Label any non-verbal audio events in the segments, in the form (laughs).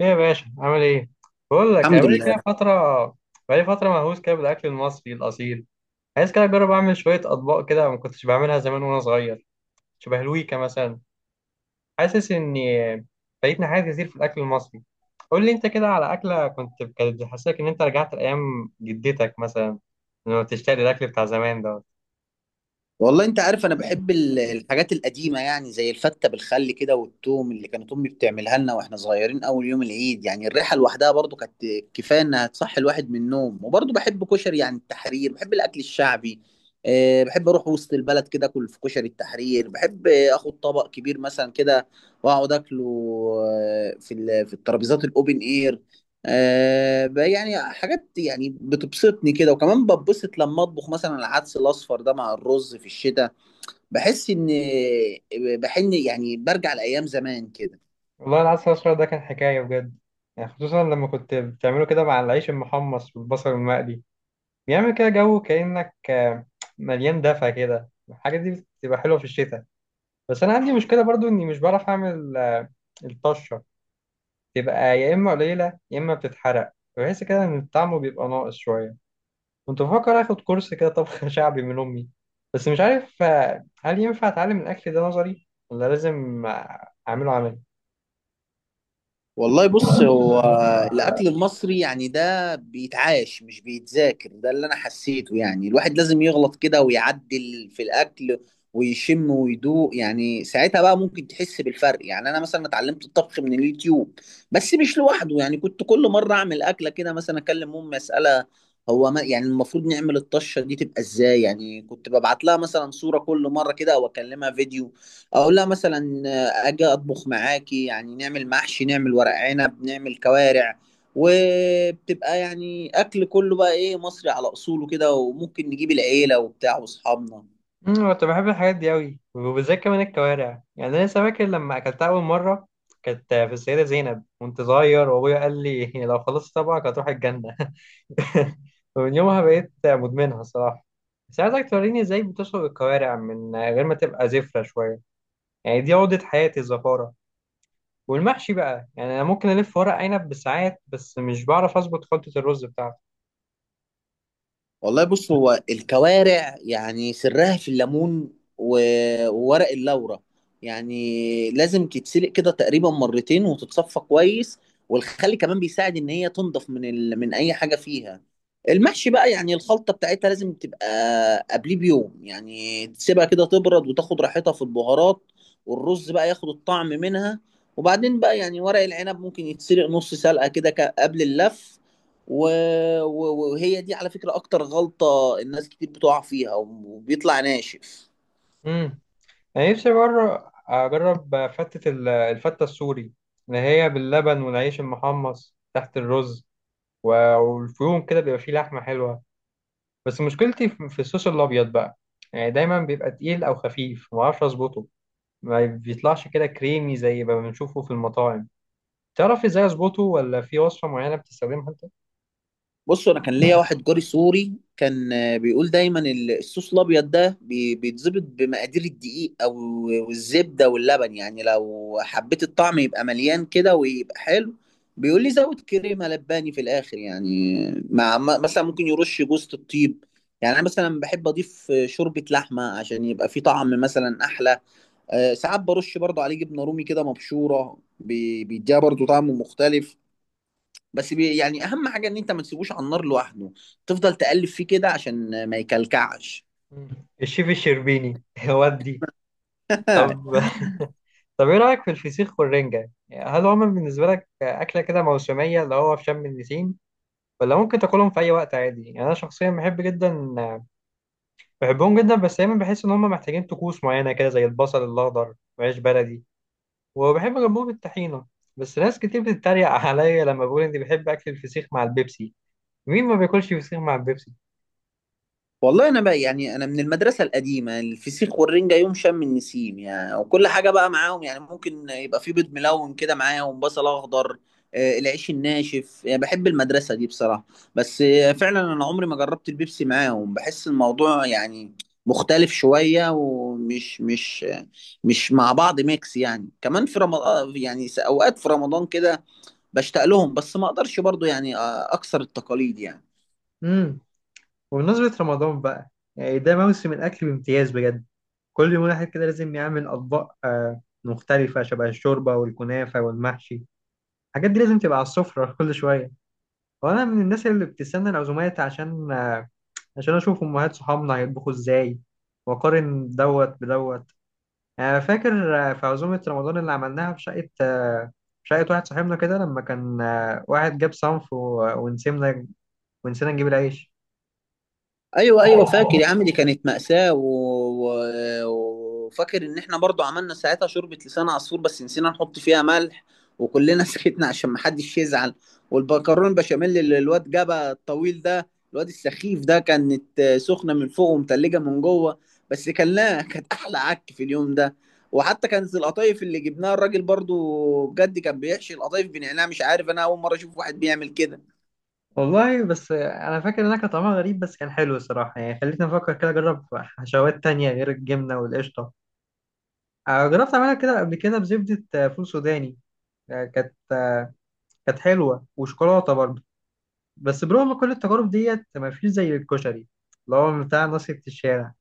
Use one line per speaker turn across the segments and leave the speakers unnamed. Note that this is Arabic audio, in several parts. ايه يا باشا عامل ايه؟ بقول لك، أنا
الحمد
بقالي كده
لله.
فترة، بقالي فترة مهووس كده بالأكل المصري الأصيل. عايز كده أجرب أعمل شوية أطباق كده ما كنتش بعملها زمان وأنا صغير، شبه الويكا مثلا. حاسس إني فايتني حاجات كتير في الأكل المصري. قول لي أنت كده على أكلة كنت كانت بتحسسك إن أنت رجعت لأيام جدتك مثلا، لما بتشتاق للأكل بتاع زمان ده.
والله انت عارف انا بحب الحاجات القديمه، يعني زي الفته بالخل كده، والثوم اللي كانت امي بتعملها لنا واحنا صغيرين اول يوم العيد. يعني الريحه لوحدها برضو كانت كفايه انها تصحي الواحد من النوم. وبرضو بحب كشري، يعني التحرير، بحب الاكل الشعبي. بحب اروح وسط البلد كده، اكل في كشري التحرير. بحب اخد طبق كبير مثلا كده واقعد اكله، في الترابيزات الاوبن اير. بقى يعني حاجات يعني بتبسطني كده. وكمان بتبسط لما اطبخ مثلا العدس الاصفر ده مع الرز في الشتاء. بحس ان، بحن يعني، برجع لايام زمان كده.
والله العسل الأسود ده كان حكاية بجد، يعني خصوصا لما كنت بتعمله كده مع العيش المحمص والبصل المقلي. بيعمل كده جو كأنك مليان دفى كده. الحاجات دي بتبقى حلوة في الشتاء. بس أنا عندي مشكلة برضو إني مش بعرف أعمل الطشة. تبقى يا إما قليلة يا إما بتتحرق. بحس كده إن طعمه بيبقى ناقص شوية. كنت بفكر آخد كورس كده طبخ (laughs) شعبي من أمي، بس مش عارف هل ينفع أتعلم الأكل ده نظري ولا لازم أعمله عملي.
والله بص، هو الأكل المصري يعني ده بيتعاش مش بيتذاكر، ده اللي أنا حسيته. يعني الواحد لازم يغلط كده ويعدل في الأكل، ويشم ويدوق. يعني ساعتها بقى ممكن تحس بالفرق. يعني أنا مثلا اتعلمت الطبخ من اليوتيوب، بس مش لوحده. يعني كنت كل مرة أعمل أكلة كده، مثلا أكلم أمي أسألها: هو ما يعني المفروض نعمل الطشة دي تبقى إزاي؟ يعني كنت ببعت لها مثلا صورة كل مرة كده، أو أكلمها فيديو، اقول لها مثلا اجي اطبخ معاكي، يعني نعمل محشي، نعمل ورق عنب، نعمل كوارع. وبتبقى يعني اكل كله بقى ايه، مصري على اصوله كده. وممكن نجيب العيله وبتاع واصحابنا.
كنت بحب الحاجات دي قوي، وبالذات كمان الكوارع. يعني انا لسه فاكر لما اكلتها اول مره، كانت في السيده زينب وانت صغير وابويا قال لي (laughs) لو خلصت طبعك هتروح الجنه. (laughs) ومن يومها بقيت مدمنها الصراحه. بس عايزك توريني ازاي بتشرب الكوارع من غير ما تبقى زفره شويه، يعني دي عقده حياتي الزفاره. والمحشي بقى، يعني انا ممكن الف ورق عنب بالساعات، بس مش بعرف اظبط خلطه الرز بتاعته.
والله بص، هو الكوارع يعني سرها في الليمون وورق اللورة. يعني لازم تتسلق كده تقريبا مرتين، وتتصفى كويس. والخل كمان بيساعد ان هي تنضف من اي حاجة فيها. المحشي بقى يعني الخلطة بتاعتها لازم تبقى قبليه بيوم. يعني تسيبها كده تبرد وتاخد راحتها في البهارات، والرز بقى ياخد الطعم منها. وبعدين بقى يعني ورق العنب ممكن يتسلق نص سلقة كده قبل اللف. و... وهي دي على فكرة أكتر غلطة الناس كتير بتقع فيها، وبيطلع ناشف.
انا نفسي بره اجرب فتة الفتة السوري، اللي هي باللبن والعيش المحمص تحت الرز، والفيوم كده بيبقى فيه لحمة حلوة. بس مشكلتي في الصوص الابيض بقى. يعني دايما بيبقى تقيل او خفيف، ما اعرفش اظبطه. ما بيطلعش كده كريمي زي ما بنشوفه في المطاعم. تعرف ازاي اظبطه، ولا في وصفة معينة بتستخدمها انت؟
بص، أنا كان ليا واحد جاري سوري، كان بيقول دايما الصوص الأبيض ده بيتظبط بمقادير الدقيق، أو والزبدة واللبن. يعني لو حبيت الطعم يبقى مليان كده ويبقى حلو، بيقول لي زود كريمة لباني في الآخر، يعني مثلا ممكن يرش جوزة الطيب. يعني أنا مثلا بحب أضيف شوربة لحمة، عشان يبقى فيه طعم مثلا أحلى. ساعات برش برضه عليه جبنه رومي كده مبشوره، بيديها برضه طعم مختلف. بس بي يعني اهم حاجه ان انت ما تسيبوش على النار لوحده، تفضل تقلب فيه كده عشان ما يكلكعش.
مم. الشيف الشربيني (laughs) ودي.
(laughs)
طب، طب ايه رايك في الفسيخ والرنجة؟ يعني هل هما بالنسبة لك اكلة كده موسمية، اللي هو في شم النسيم، ولا ممكن تاكلهم في اي وقت عادي؟ يعني انا شخصيا بحب جدا، بحبهم جدا، بس دايما بحس ان هم محتاجين طقوس معينه كده زي البصل الاخضر وعيش بلدي. وبحب جنبهم الطحينه. بس ناس كتير بتتريق (laughs) عليا لما بقول اني بحب اكل الفسيخ مع البيبسي. مين ما بياكلش فسيخ مع البيبسي؟
والله انا بقى، يعني انا من المدرسه القديمه، الفسيخ والرنجه يوم شم النسيم يعني. وكل حاجه بقى معاهم، يعني ممكن يبقى في بيض ملون كده معاهم، بصل اخضر، العيش الناشف. يعني بحب المدرسه دي بصراحه. بس فعلا انا عمري ما جربت البيبسي معاهم، بحس الموضوع يعني مختلف شويه، ومش مش مع بعض ميكس يعني. كمان في رمضان، يعني اوقات في رمضان كده بشتاق لهم، بس ما اقدرش برضو يعني اكسر التقاليد يعني.
امم وبمناسبة رمضان بقى، يعني ده موسم الأكل بامتياز بجد. كل يوم واحد كده لازم يعمل أطباق مختلفة شبه الشوربة والكنافة والمحشي. الحاجات دي لازم تبقى على السفرة (laughs) كل شوية. وأنا من الناس اللي بتستنى العزومات عشان، عشان اشوف امهات صحابنا هيطبخوا ازاي واقارن دوت بدوت. يعني أنا فاكر في عزومة رمضان اللي عملناها في شقة في شقة واحد صاحبنا كده لما كان واحد جاب صنف ونسينا نجيب العيش.
ايوه، ايوه، فاكر يا عم، دي كانت مأساة. وفاكر ان احنا برضو عملنا ساعتها شوربة لسان عصفور، بس نسينا نحط فيها ملح، وكلنا (laughs) سكتنا عشان محدش يزعل. والبكرون بشاميل اللي الواد جابها الطويل ده، الواد السخيف ده، كانت سخنة من فوق ومتلجة من جوه. بس كان لا، (laughs) كانت احلى عك في اليوم ده. وحتى كانت القطايف اللي جبناها الراجل برضو بجد كان بيحشي القطايف بنعناع. مش عارف، انا اول مرة اشوف واحد بيعمل كده.
والله بس انا فاكر انها كان طعمها غريب، بس كان حلو الصراحة. يعني خلتني افكر كده اجرب حشوات تانية غير الجبنة والقشطة. جربت اعملها كده قبل كده بزبدة فول سوداني. آه، كانت كانت حلوة، وشوكولاتة برضه. بس برغم كل التجارب ديت ما فيش زي الكشري، اللي هو بتاع نصيحة الشارع.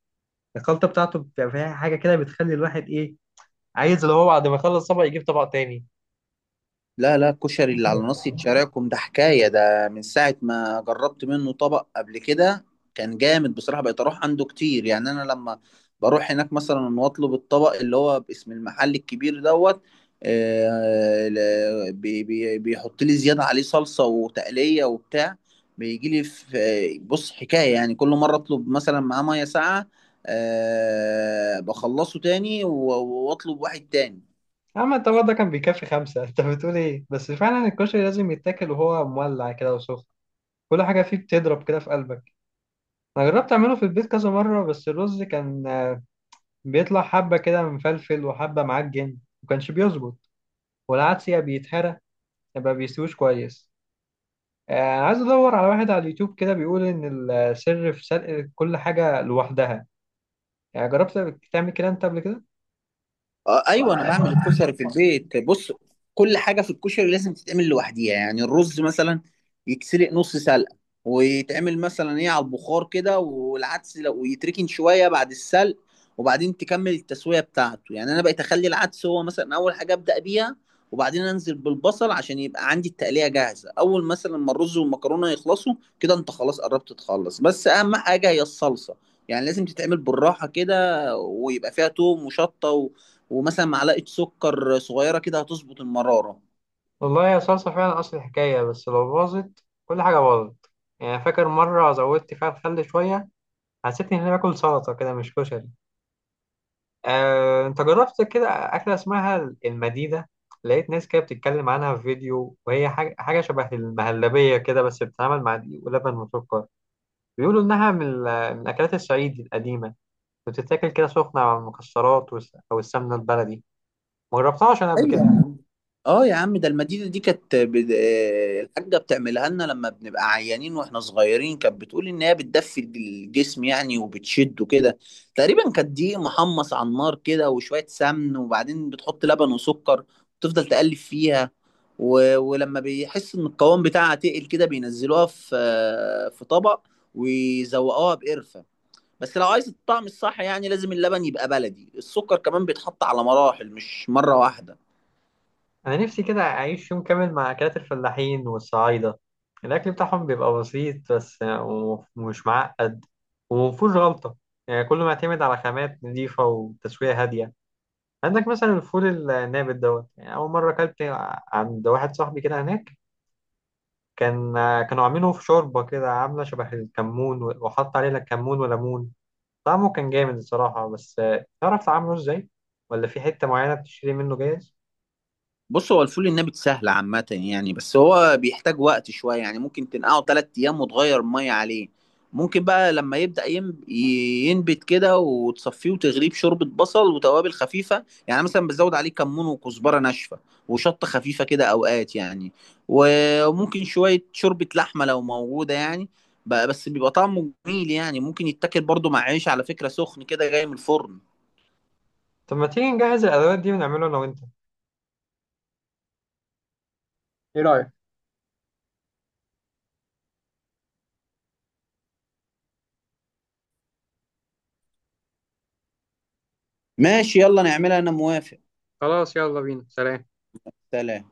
الخلطة بتاعته بتبقى فيها حاجة كده بتخلي الواحد إيه، عايز اللي هو بعد ما يخلص طبق يجيب طبق تاني.
لا، لا، الكشري اللي على ناصية شارعكم ده حكاية. ده من ساعة ما جربت منه طبق قبل كده كان جامد بصراحة. بقيت أروح عنده كتير. يعني أنا لما بروح هناك مثلا وأطلب الطبق اللي هو باسم المحل الكبير دوت، بيحط لي زيادة عليه صلصة وتقلية وبتاع. بيجي لي في، بص، حكاية يعني. كل مرة أطلب مثلا معاه مية ساقعة، بخلصه تاني وأطلب واحد تاني.
أما الطبق ده كان بيكفي خمسة (laughs) أنت بتقول إيه؟ بس فعلا الكشري لازم يتاكل وهو مولع كده وسخن. كل حاجة فيه بتضرب كده في قلبك. أنا جربت أعمله في البيت كذا مرة، بس الرز كان بيطلع حبة كده مفلفل وحبة معجن، مكانش بيظبط. والعدس يا بيتهرى يبقى بيستويش كويس. عايز ادور على واحد على اليوتيوب كده بيقول ان السر في سلق كل حاجه لوحدها. يعني جربت تعمل كده انت قبل كده؟
آه، ايوه، انا بعمل الكشري في البيت. بص، كل حاجه في الكشري لازم تتعمل لوحديها. يعني الرز مثلا يتسلق نص سلقه، ويتعمل مثلا ايه على البخار كده. والعدس لو، ويتركن شويه بعد السلق، وبعدين تكمل التسويه بتاعته. يعني انا بقيت اخلي العدس هو مثلا اول حاجه ابدا بيها، وبعدين انزل بالبصل عشان يبقى عندي التقليه جاهزه اول مثلا ما الرز والمكرونه يخلصوا. كده انت خلاص قربت تخلص. بس اهم حاجه هي الصلصه، يعني لازم تتعمل بالراحه كده، ويبقى فيها توم وشطه، ومثلا معلقه سكر صغيره كده هتظبط المراره.
والله يا صلصه فعلا اصل الحكايه، بس لو باظت كل حاجه باظت. يعني فاكر مره زودت فيها الخل شويه، حسيت اني باكل سلطه كده مش كشري. انت جربت كده اكله اسمها المديده؟ لقيت ناس كده بتتكلم عنها في فيديو، وهي حاجه شبه المهلبيه كده، بس بتتعمل مع دقيق ولبن وسكر. بيقولوا انها من من اكلات الصعيد القديمه، بتتاكل كده سخنة على المكسرات أو السمنة البلدي. ما جربتهاش أنا قبل كده.
ايوه. اه يا عم، ده المديده دي كانت بد... آه، الحاجه بتعملها لنا لما بنبقى عيانين واحنا صغيرين. كانت بتقول ان هي بتدفي الجسم يعني، وبتشده كده. تقريبا كانت دقيق محمص على النار كده، وشويه سمن، وبعدين بتحط لبن وسكر، وتفضل تقلب فيها. ولما بيحس ان القوام بتاعها تقل كده، بينزلوها في طبق، ويزوقوها بقرفه. بس لو عايز الطعم الصح، يعني لازم اللبن يبقى بلدي، السكر كمان بيتحط على مراحل مش مرة واحدة.
أنا نفسي كده أعيش يوم كامل مع أكلات الفلاحين والصعايدة. الأكل بتاعهم بيبقى بسيط بس، ومش معقد، ومفهوش غلطة. يعني كله معتمد على خامات نظيفة وتسوية هادية. عندك مثلا الفول النابت دوت. يعني أول مرة أكلت عند واحد صاحبي كده هناك، كان كانوا عاملينه في شوربة كده عاملة شبه الكمون، وحط عليه لا كمون ولا ليمون. طعمه كان جامد الصراحة. بس تعرف تعمله ازاي؟ ولا في حتة معينة بتشتري منه جاهز؟
بص، هو الفول النابت سهل عامة يعني، بس هو بيحتاج وقت شوية. يعني ممكن تنقعه 3 أيام وتغير المية عليه. ممكن بقى لما يبدأ ينبت كده، وتصفيه وتغليه بشوربة بصل وتوابل خفيفة. يعني مثلا بتزود عليه كمون وكزبرة ناشفة وشطة خفيفة كده أوقات يعني. وممكن شوية شوربة لحمة لو موجودة يعني. بقى بس بيبقى طعمه جميل. يعني ممكن يتاكل برضه مع عيش على فكرة سخن كده جاي من الفرن.
طب ما تيجي نجهز الأدوات دي ونعمله أنا وأنت؟ ايه رأيك؟
ماشي، يلا نعملها، أنا موافق.
خلاص يلا بينا. سلام.
سلام.